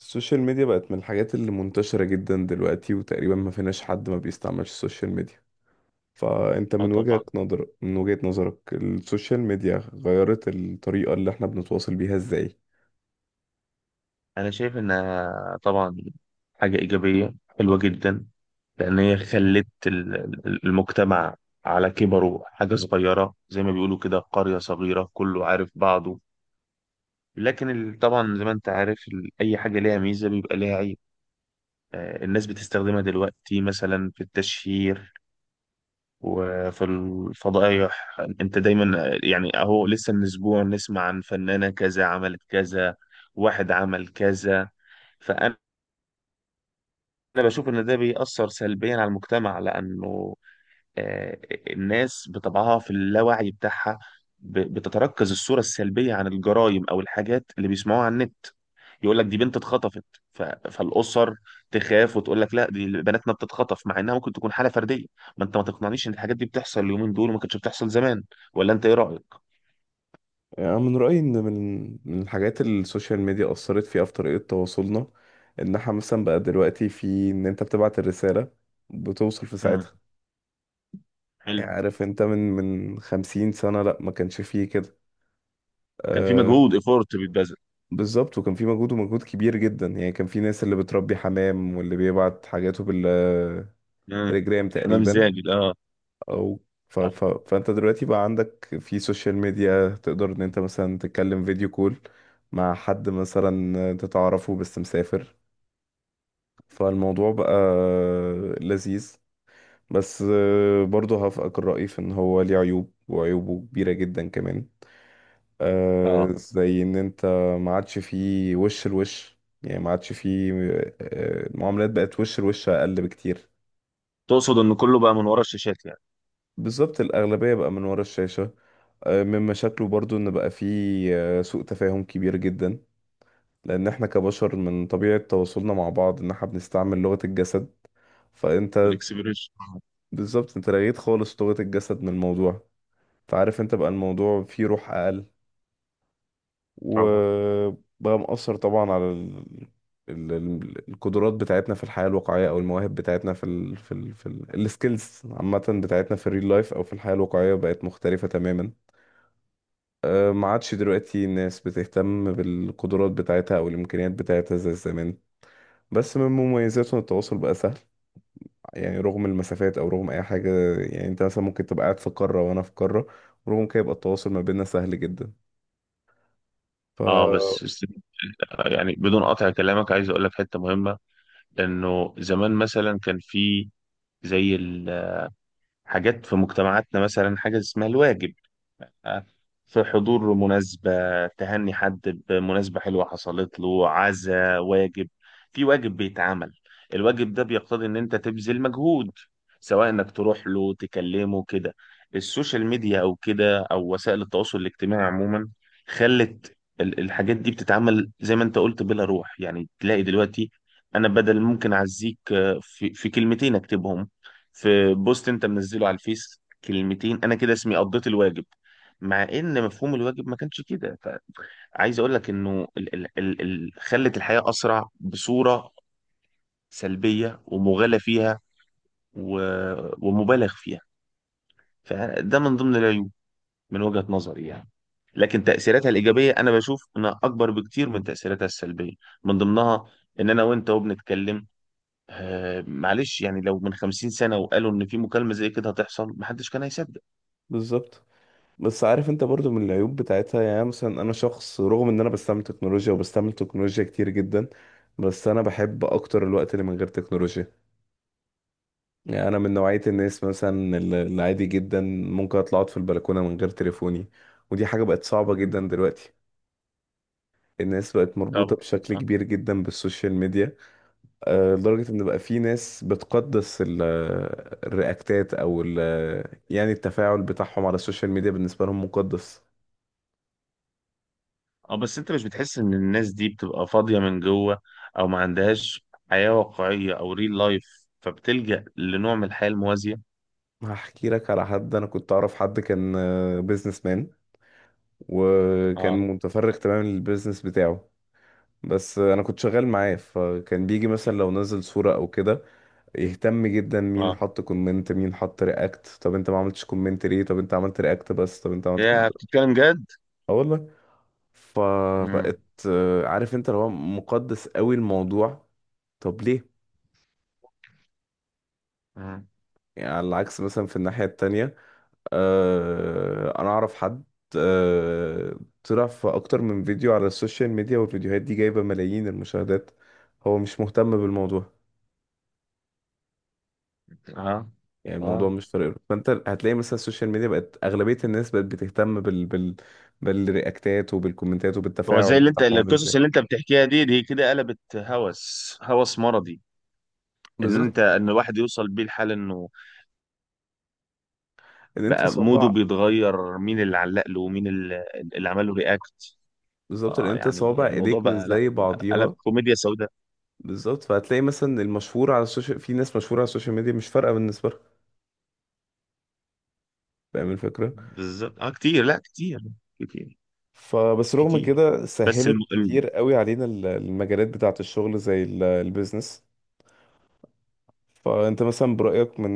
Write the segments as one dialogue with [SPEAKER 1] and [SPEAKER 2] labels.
[SPEAKER 1] السوشيال ميديا بقت من الحاجات اللي منتشرة جدا دلوقتي، وتقريبا ما فيناش حد ما بيستعملش السوشيال ميديا. فأنت
[SPEAKER 2] اه،
[SPEAKER 1] من
[SPEAKER 2] طبعا.
[SPEAKER 1] وجهة نظر من وجهة نظرك السوشيال ميديا غيرت الطريقة اللي احنا بنتواصل بيها ازاي؟
[SPEAKER 2] انا شايف انها طبعا حاجه ايجابيه حلوه جدا. لان هي خلت المجتمع على كبره حاجه صغيره، زي ما بيقولوا كده، قريه صغيره كله عارف بعضه. لكن طبعا زي ما انت عارف، اي حاجه ليها ميزه بيبقى ليها عيب. الناس بتستخدمها دلوقتي مثلا في التشهير وفي الفضائح. انت دايما يعني، اهو لسه من اسبوع نسمع عن فنانه كذا عملت كذا، واحد عمل كذا. فانا بشوف ان ده بيأثر سلبيا على المجتمع، لانه آه، الناس بطبعها في اللاوعي بتاعها بتتركز الصورة السلبية عن الجرائم أو الحاجات اللي بيسمعوها على النت. يقول لك دي بنت اتخطفت، فالأسر تخاف وتقول لك لا دي بناتنا بتتخطف، مع إنها ممكن تكون حالة فردية. ما أنت ما تقنعنيش إن الحاجات دي بتحصل اليومين دول وما كانتش بتحصل زمان. ولا أنت إيه رأيك؟
[SPEAKER 1] يعني من رأيي إن من الحاجات اللي السوشيال ميديا أثرت فيها في طريقة تواصلنا، إن احنا مثلا بقى دلوقتي في إن أنت بتبعت الرسالة بتوصل في
[SPEAKER 2] امم.
[SPEAKER 1] ساعتها. يعني
[SPEAKER 2] حلو.
[SPEAKER 1] عارف أنت من خمسين سنة لأ، ما كانش فيه كده.
[SPEAKER 2] كان في
[SPEAKER 1] آه،
[SPEAKER 2] مجهود، إيفورت بيتبذل.
[SPEAKER 1] بالظبط. وكان في مجهود ومجهود كبير جدا. يعني كان في ناس اللي بتربي حمام واللي بيبعت حاجاته بالتليجرام
[SPEAKER 2] امم. حمام
[SPEAKER 1] تقريبا.
[SPEAKER 2] زاجل، أه.
[SPEAKER 1] او فانت دلوقتي بقى عندك في سوشيال ميديا، تقدر ان انت مثلا تتكلم فيديو كول مع حد مثلا انت تعرفه بس مسافر. فالموضوع بقى لذيذ. بس برضه هفقك الرأي في ان هو ليه عيوب، وعيوبه كبيرة جدا كمان.
[SPEAKER 2] أه.
[SPEAKER 1] زي ان انت ما عادش فيه وش لوش، يعني ما عادش فيه. المعاملات بقت وش لوش اقل بكتير.
[SPEAKER 2] تقصد إن كله بقى من ورا الشاشات يعني.
[SPEAKER 1] بالظبط، الاغلبيه بقى من ورا الشاشه. من مشاكله برضو ان بقى فيه سوء تفاهم كبير جدا، لان احنا كبشر من طبيعه تواصلنا مع بعض ان احنا بنستعمل لغه الجسد. فانت،
[SPEAKER 2] الاكسبيريشن.
[SPEAKER 1] بالظبط، انت لغيت خالص لغه الجسد من الموضوع. فعارف انت بقى الموضوع فيه روح اقل.
[SPEAKER 2] طبعا.
[SPEAKER 1] وبقى مأثر طبعا على القدرات بتاعتنا في الحياة الواقعية أو المواهب بتاعتنا في السكيلز عامة بتاعتنا في الريل لايف أو في الحياة الواقعية بقت مختلفة تماما. ما عادش دلوقتي الناس بتهتم بالقدرات بتاعتها أو الإمكانيات بتاعتها زي زمان. بس من مميزاته إن التواصل بقى سهل، يعني رغم المسافات أو رغم أي حاجة. يعني أنت مثلا ممكن تبقى قاعد في قارة وأنا في قارة، ورغم كده يبقى التواصل ما بيننا سهل جدا. ف
[SPEAKER 2] اه، بس يعني بدون قطع كلامك، عايز اقول لك حته مهمه. انه زمان مثلا كان في، زي الحاجات في مجتمعاتنا، مثلا حاجه اسمها الواجب. في حضور مناسبة، تهني حد بمناسبة حلوة حصلت له، عزا واجب، في واجب بيتعمل. الواجب ده بيقتضي ان انت تبذل مجهود، سواء انك تروح له تكلمه كده. السوشيال ميديا او كده، او وسائل التواصل الاجتماعي عموما، خلت الحاجات دي بتتعمل زي ما انت قلت بلا روح، يعني تلاقي دلوقتي انا بدل ممكن اعزيك، في كلمتين اكتبهم في بوست انت منزله على الفيس، كلمتين انا كده اسمي قضيت الواجب. مع ان مفهوم الواجب ما كانش كده. فعايز اقول لك انه ال ال ال ال خلت الحياة اسرع بصورة سلبية ومغالى فيها و ومبالغ فيها. فده من ضمن العيوب من وجهة نظري يعني. لكن تأثيراتها الإيجابية أنا بشوف إنها أكبر بكتير من تأثيراتها السلبية، من ضمنها إن أنا وأنت وبنتكلم، معلش، يعني لو من 50 سنة وقالوا إن في مكالمة زي كده هتحصل محدش كان هيصدق.
[SPEAKER 1] بالظبط. بس عارف انت برضو من العيوب بتاعتها. يعني مثلا انا شخص، رغم ان انا بستعمل تكنولوجيا وبستعمل تكنولوجيا كتير جدا، بس انا بحب اكتر الوقت اللي من غير تكنولوجيا. يعني انا من نوعية الناس مثلا العادي جدا ممكن اطلع اقعد في البلكونة من غير تليفوني. ودي حاجة بقت صعبة
[SPEAKER 2] مم.
[SPEAKER 1] جدا دلوقتي. الناس بقت
[SPEAKER 2] طبعا.
[SPEAKER 1] مربوطة بشكل كبير جدا بالسوشيال ميديا، لدرجة ان بقى في ناس بتقدس الرياكتات، او يعني التفاعل بتاعهم على السوشيال ميديا بالنسبة لهم مقدس.
[SPEAKER 2] اه، بس انت مش بتحس ان الناس دي بتبقى فاضية من جوه او ما عندهاش حياة واقعية او ريل لايف، فبتلجأ لنوع من الحياة الموازية؟
[SPEAKER 1] هحكي لك على حد. انا كنت اعرف حد كان بيزنس مان، وكان
[SPEAKER 2] اه.
[SPEAKER 1] متفرغ تماما للبيزنس بتاعه. بس انا كنت شغال معاه، فكان بيجي مثلا لو نزل صورة او كده يهتم جدا مين
[SPEAKER 2] اه.
[SPEAKER 1] حط كومنت، مين حط رياكت، طب انت ما عملتش كومنت ليه، طب انت عملت رياكت بس، طب انت عملت
[SPEAKER 2] يا
[SPEAKER 1] كومنت بس.
[SPEAKER 2] بتتكلم جد.
[SPEAKER 1] اه والله.
[SPEAKER 2] امم.
[SPEAKER 1] فبقت عارف انت اللي هو مقدس قوي الموضوع. طب ليه؟
[SPEAKER 2] امم.
[SPEAKER 1] يعني على العكس مثلا في الناحية التانية، انا اعرف حد آه، طلع في اكتر من فيديو على السوشيال ميديا، والفيديوهات دي جايبة ملايين المشاهدات، هو مش مهتم بالموضوع.
[SPEAKER 2] اه.
[SPEAKER 1] يعني الموضوع
[SPEAKER 2] اه.
[SPEAKER 1] مش فارق له. فانت هتلاقي مثلا السوشيال ميديا بقت اغلبية الناس بقت بتهتم بالرياكتات وبالكومنتات
[SPEAKER 2] هو زي
[SPEAKER 1] وبالتفاعل
[SPEAKER 2] اللي انت،
[SPEAKER 1] بتاعهم عامل
[SPEAKER 2] القصص
[SPEAKER 1] ازاي.
[SPEAKER 2] اللي انت بتحكيها دي كده قلبت هوس، هوس مرضي. ان
[SPEAKER 1] بالظبط.
[SPEAKER 2] انت، ان الواحد يوصل بيه الحال انه
[SPEAKER 1] ان انت
[SPEAKER 2] بقى موده
[SPEAKER 1] صوابع
[SPEAKER 2] بيتغير، مين اللي علق له ومين اللي عمل له رياكت.
[SPEAKER 1] بالظبط، ان
[SPEAKER 2] اه،
[SPEAKER 1] انت
[SPEAKER 2] يعني
[SPEAKER 1] صوابع
[SPEAKER 2] الموضوع
[SPEAKER 1] ايديك مش
[SPEAKER 2] بقى، لا،
[SPEAKER 1] زي
[SPEAKER 2] قلب
[SPEAKER 1] بعضيها.
[SPEAKER 2] كوميديا سوداء.
[SPEAKER 1] بالظبط، فهتلاقي مثلا المشهور على السوشيال، في ناس مشهورة على السوشيال ميديا مش فارقة بالنسبة لها. فاهم الفكرة؟
[SPEAKER 2] بالظبط. اه كتير، لا كتير، كتير
[SPEAKER 1] فبس رغم
[SPEAKER 2] كتير.
[SPEAKER 1] كده
[SPEAKER 2] بس.
[SPEAKER 1] سهلت كتير قوي علينا المجالات بتاعة الشغل زي البيزنس. فانت مثلا برأيك، من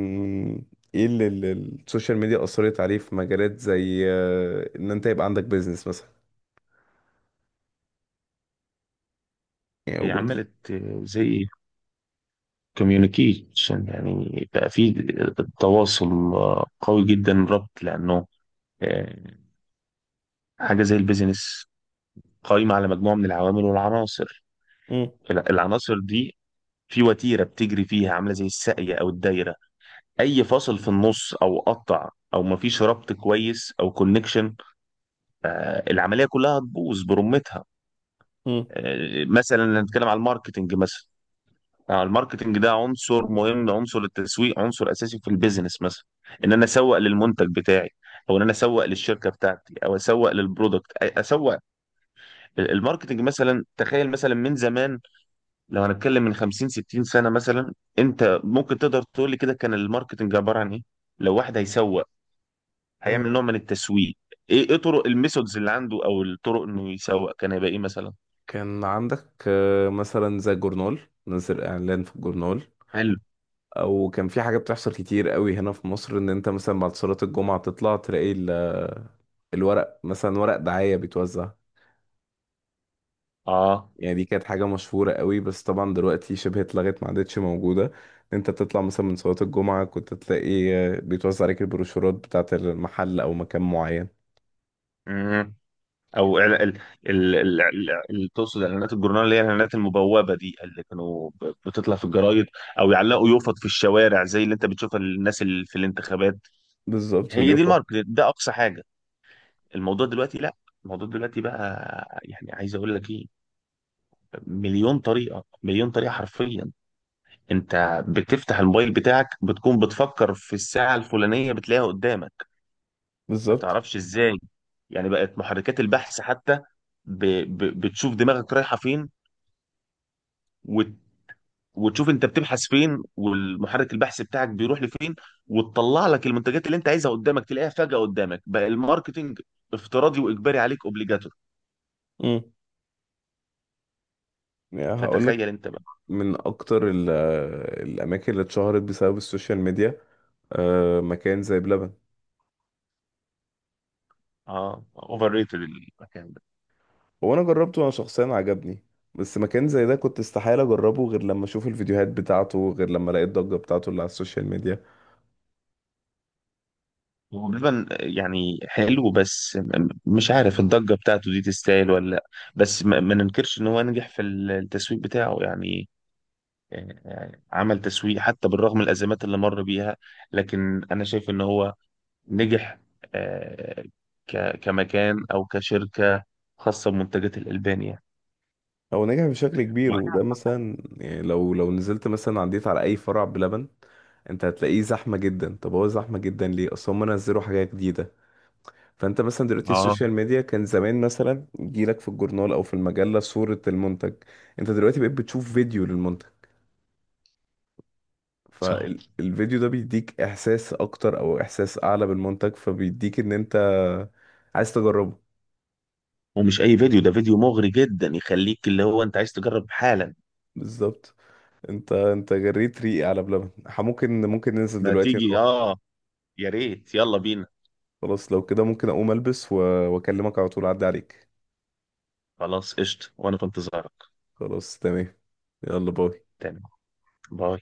[SPEAKER 1] من ايه اللي السوشيال ميديا أثرت عليه في مجالات زي ان انت يبقى عندك بيزنس مثلا، يعني
[SPEAKER 2] هي
[SPEAKER 1] وجود.
[SPEAKER 2] عملت زي كوميونيكيشن، يعني بقى في تواصل قوي جدا، ربط، لانه آه، حاجه زي البيزنس قائمه على مجموعه من العوامل والعناصر.
[SPEAKER 1] مم.
[SPEAKER 2] العناصر دي في وتيره بتجري فيها عامله زي الساقيه او الدايره. اي فاصل في النص او قطع او مفيش ربط كويس او كونكشن، العمليه كلها هتبوظ برمتها.
[SPEAKER 1] مم.
[SPEAKER 2] مثلا نتكلم على الماركتنج مثلا. الماركتنج ده عنصر مهم، عنصر التسويق عنصر اساسي في البيزنس مثلا. ان انا اسوق للمنتج بتاعي، او ان انا اسوق للشركه بتاعتي، او اسوق للبرودكت، اسوق. الماركتنج مثلا، تخيل مثلا من زمان، لو هنتكلم من 50 60 سنه مثلا، انت ممكن تقدر تقول لي كده كان الماركتنج عباره عن ايه؟ لو واحد هيسوق، هيعمل
[SPEAKER 1] آه،
[SPEAKER 2] نوع من التسويق، ايه طرق الميثودز اللي عنده، او الطرق انه يسوق كان هيبقى ايه مثلا؟
[SPEAKER 1] كان عندك مثلا زي الجورنال، نزل اعلان في الجورنال.
[SPEAKER 2] حلو.
[SPEAKER 1] او كان في حاجه بتحصل كتير قوي هنا في مصر، ان انت مثلا بعد صلاه الجمعه تطلع تلاقي الورق، مثلا ورق دعايه بيتوزع.
[SPEAKER 2] اه.
[SPEAKER 1] يعني دي كانت حاجة مشهورة قوي، بس طبعا دلوقتي شبه اتلغت، ما عادتش موجودة. انت بتطلع مثلا من صلاة الجمعة كنت تلاقي بيتوزع عليك البروشورات بتاعة المحل او مكان معين.
[SPEAKER 2] مم. او تقصد اعلانات الجورنال، اللي هي الاعلانات المبوبه دي، اللي كانوا بتطلع في الجرايد، او يعلقوا يوفط في الشوارع زي اللي انت بتشوفها الناس اللي في الانتخابات.
[SPEAKER 1] بالظبط،
[SPEAKER 2] هي دي
[SPEAKER 1] واليوفط.
[SPEAKER 2] الماركت، ده اقصى حاجه. الموضوع دلوقتي، لا. الموضوع دلوقتي بقى، يعني عايز اقول لك ايه، مليون طريقه، مليون طريقه حرفيا. انت بتفتح الموبايل بتاعك، بتكون بتفكر في الساعه الفلانيه بتلاقيها قدامك، ما
[SPEAKER 1] بالظبط.
[SPEAKER 2] تعرفش ازاي. يعني بقت محركات البحث حتى، ب... بتشوف دماغك رايحه فين، وتشوف انت بتبحث فين والمحرك البحث بتاعك بيروح لفين، وتطلع لك المنتجات اللي انت عايزها قدامك تلاقيها فجأة قدامك. بقى الماركتينج افتراضي واجباري عليك، اوبليجاتور.
[SPEAKER 1] امم يعني هقول لك،
[SPEAKER 2] فتخيل انت بقى.
[SPEAKER 1] من اكتر الاماكن اللي اتشهرت بسبب السوشيال ميديا مكان زي بلبن.
[SPEAKER 2] اه، اوفر ريتد المكان ده.
[SPEAKER 1] هو انا جربته، انا شخصيا عجبني، بس مكان زي ده كنت استحالة اجربه غير لما اشوف الفيديوهات بتاعته، غير لما الاقي الضجة بتاعته اللي على السوشيال ميديا.
[SPEAKER 2] هو بلبن يعني حلو، بس مش عارف الضجة بتاعته دي تستاهل ولا لا. بس ما ننكرش ان هو نجح في التسويق بتاعه، يعني يعني عمل تسويق حتى بالرغم من الأزمات اللي مر بيها. لكن أنا شايف إن هو نجح، آه، كمكان او كشركه خاصه بمنتجات الالبان يعني.
[SPEAKER 1] هو نجح بشكل كبير. وده مثلا يعني لو نزلت مثلا عديت على اي فرع بلبن، انت هتلاقيه زحمه جدا. طب هو زحمه جدا ليه؟ اصل هم نزلوا حاجه جديده. فانت مثلا دلوقتي
[SPEAKER 2] اه.
[SPEAKER 1] السوشيال ميديا، كان زمان مثلا يجيلك في الجورنال او في المجله صوره المنتج، انت دلوقتي بقيت بتشوف فيديو للمنتج.
[SPEAKER 2] صح.
[SPEAKER 1] فالفيديو ده بيديك احساس اكتر او احساس اعلى بالمنتج، فبيديك ان انت عايز تجربه.
[SPEAKER 2] ومش اي فيديو، ده فيديو مغري جدا يخليك اللي هو انت عايز تجرب حالا.
[SPEAKER 1] بالظبط. انت جريت ريقي على بلبن. ممكن ننزل
[SPEAKER 2] ما
[SPEAKER 1] دلوقتي
[SPEAKER 2] تيجي،
[SPEAKER 1] نروح.
[SPEAKER 2] اه. يا ريت، يلا بينا.
[SPEAKER 1] خلاص، لو كده ممكن اقوم البس واكلمك على طول اعدي عليك.
[SPEAKER 2] خلاص قشطه، وانا في انتظارك.
[SPEAKER 1] خلاص، تمام. يلا، باي.
[SPEAKER 2] تمام. باي.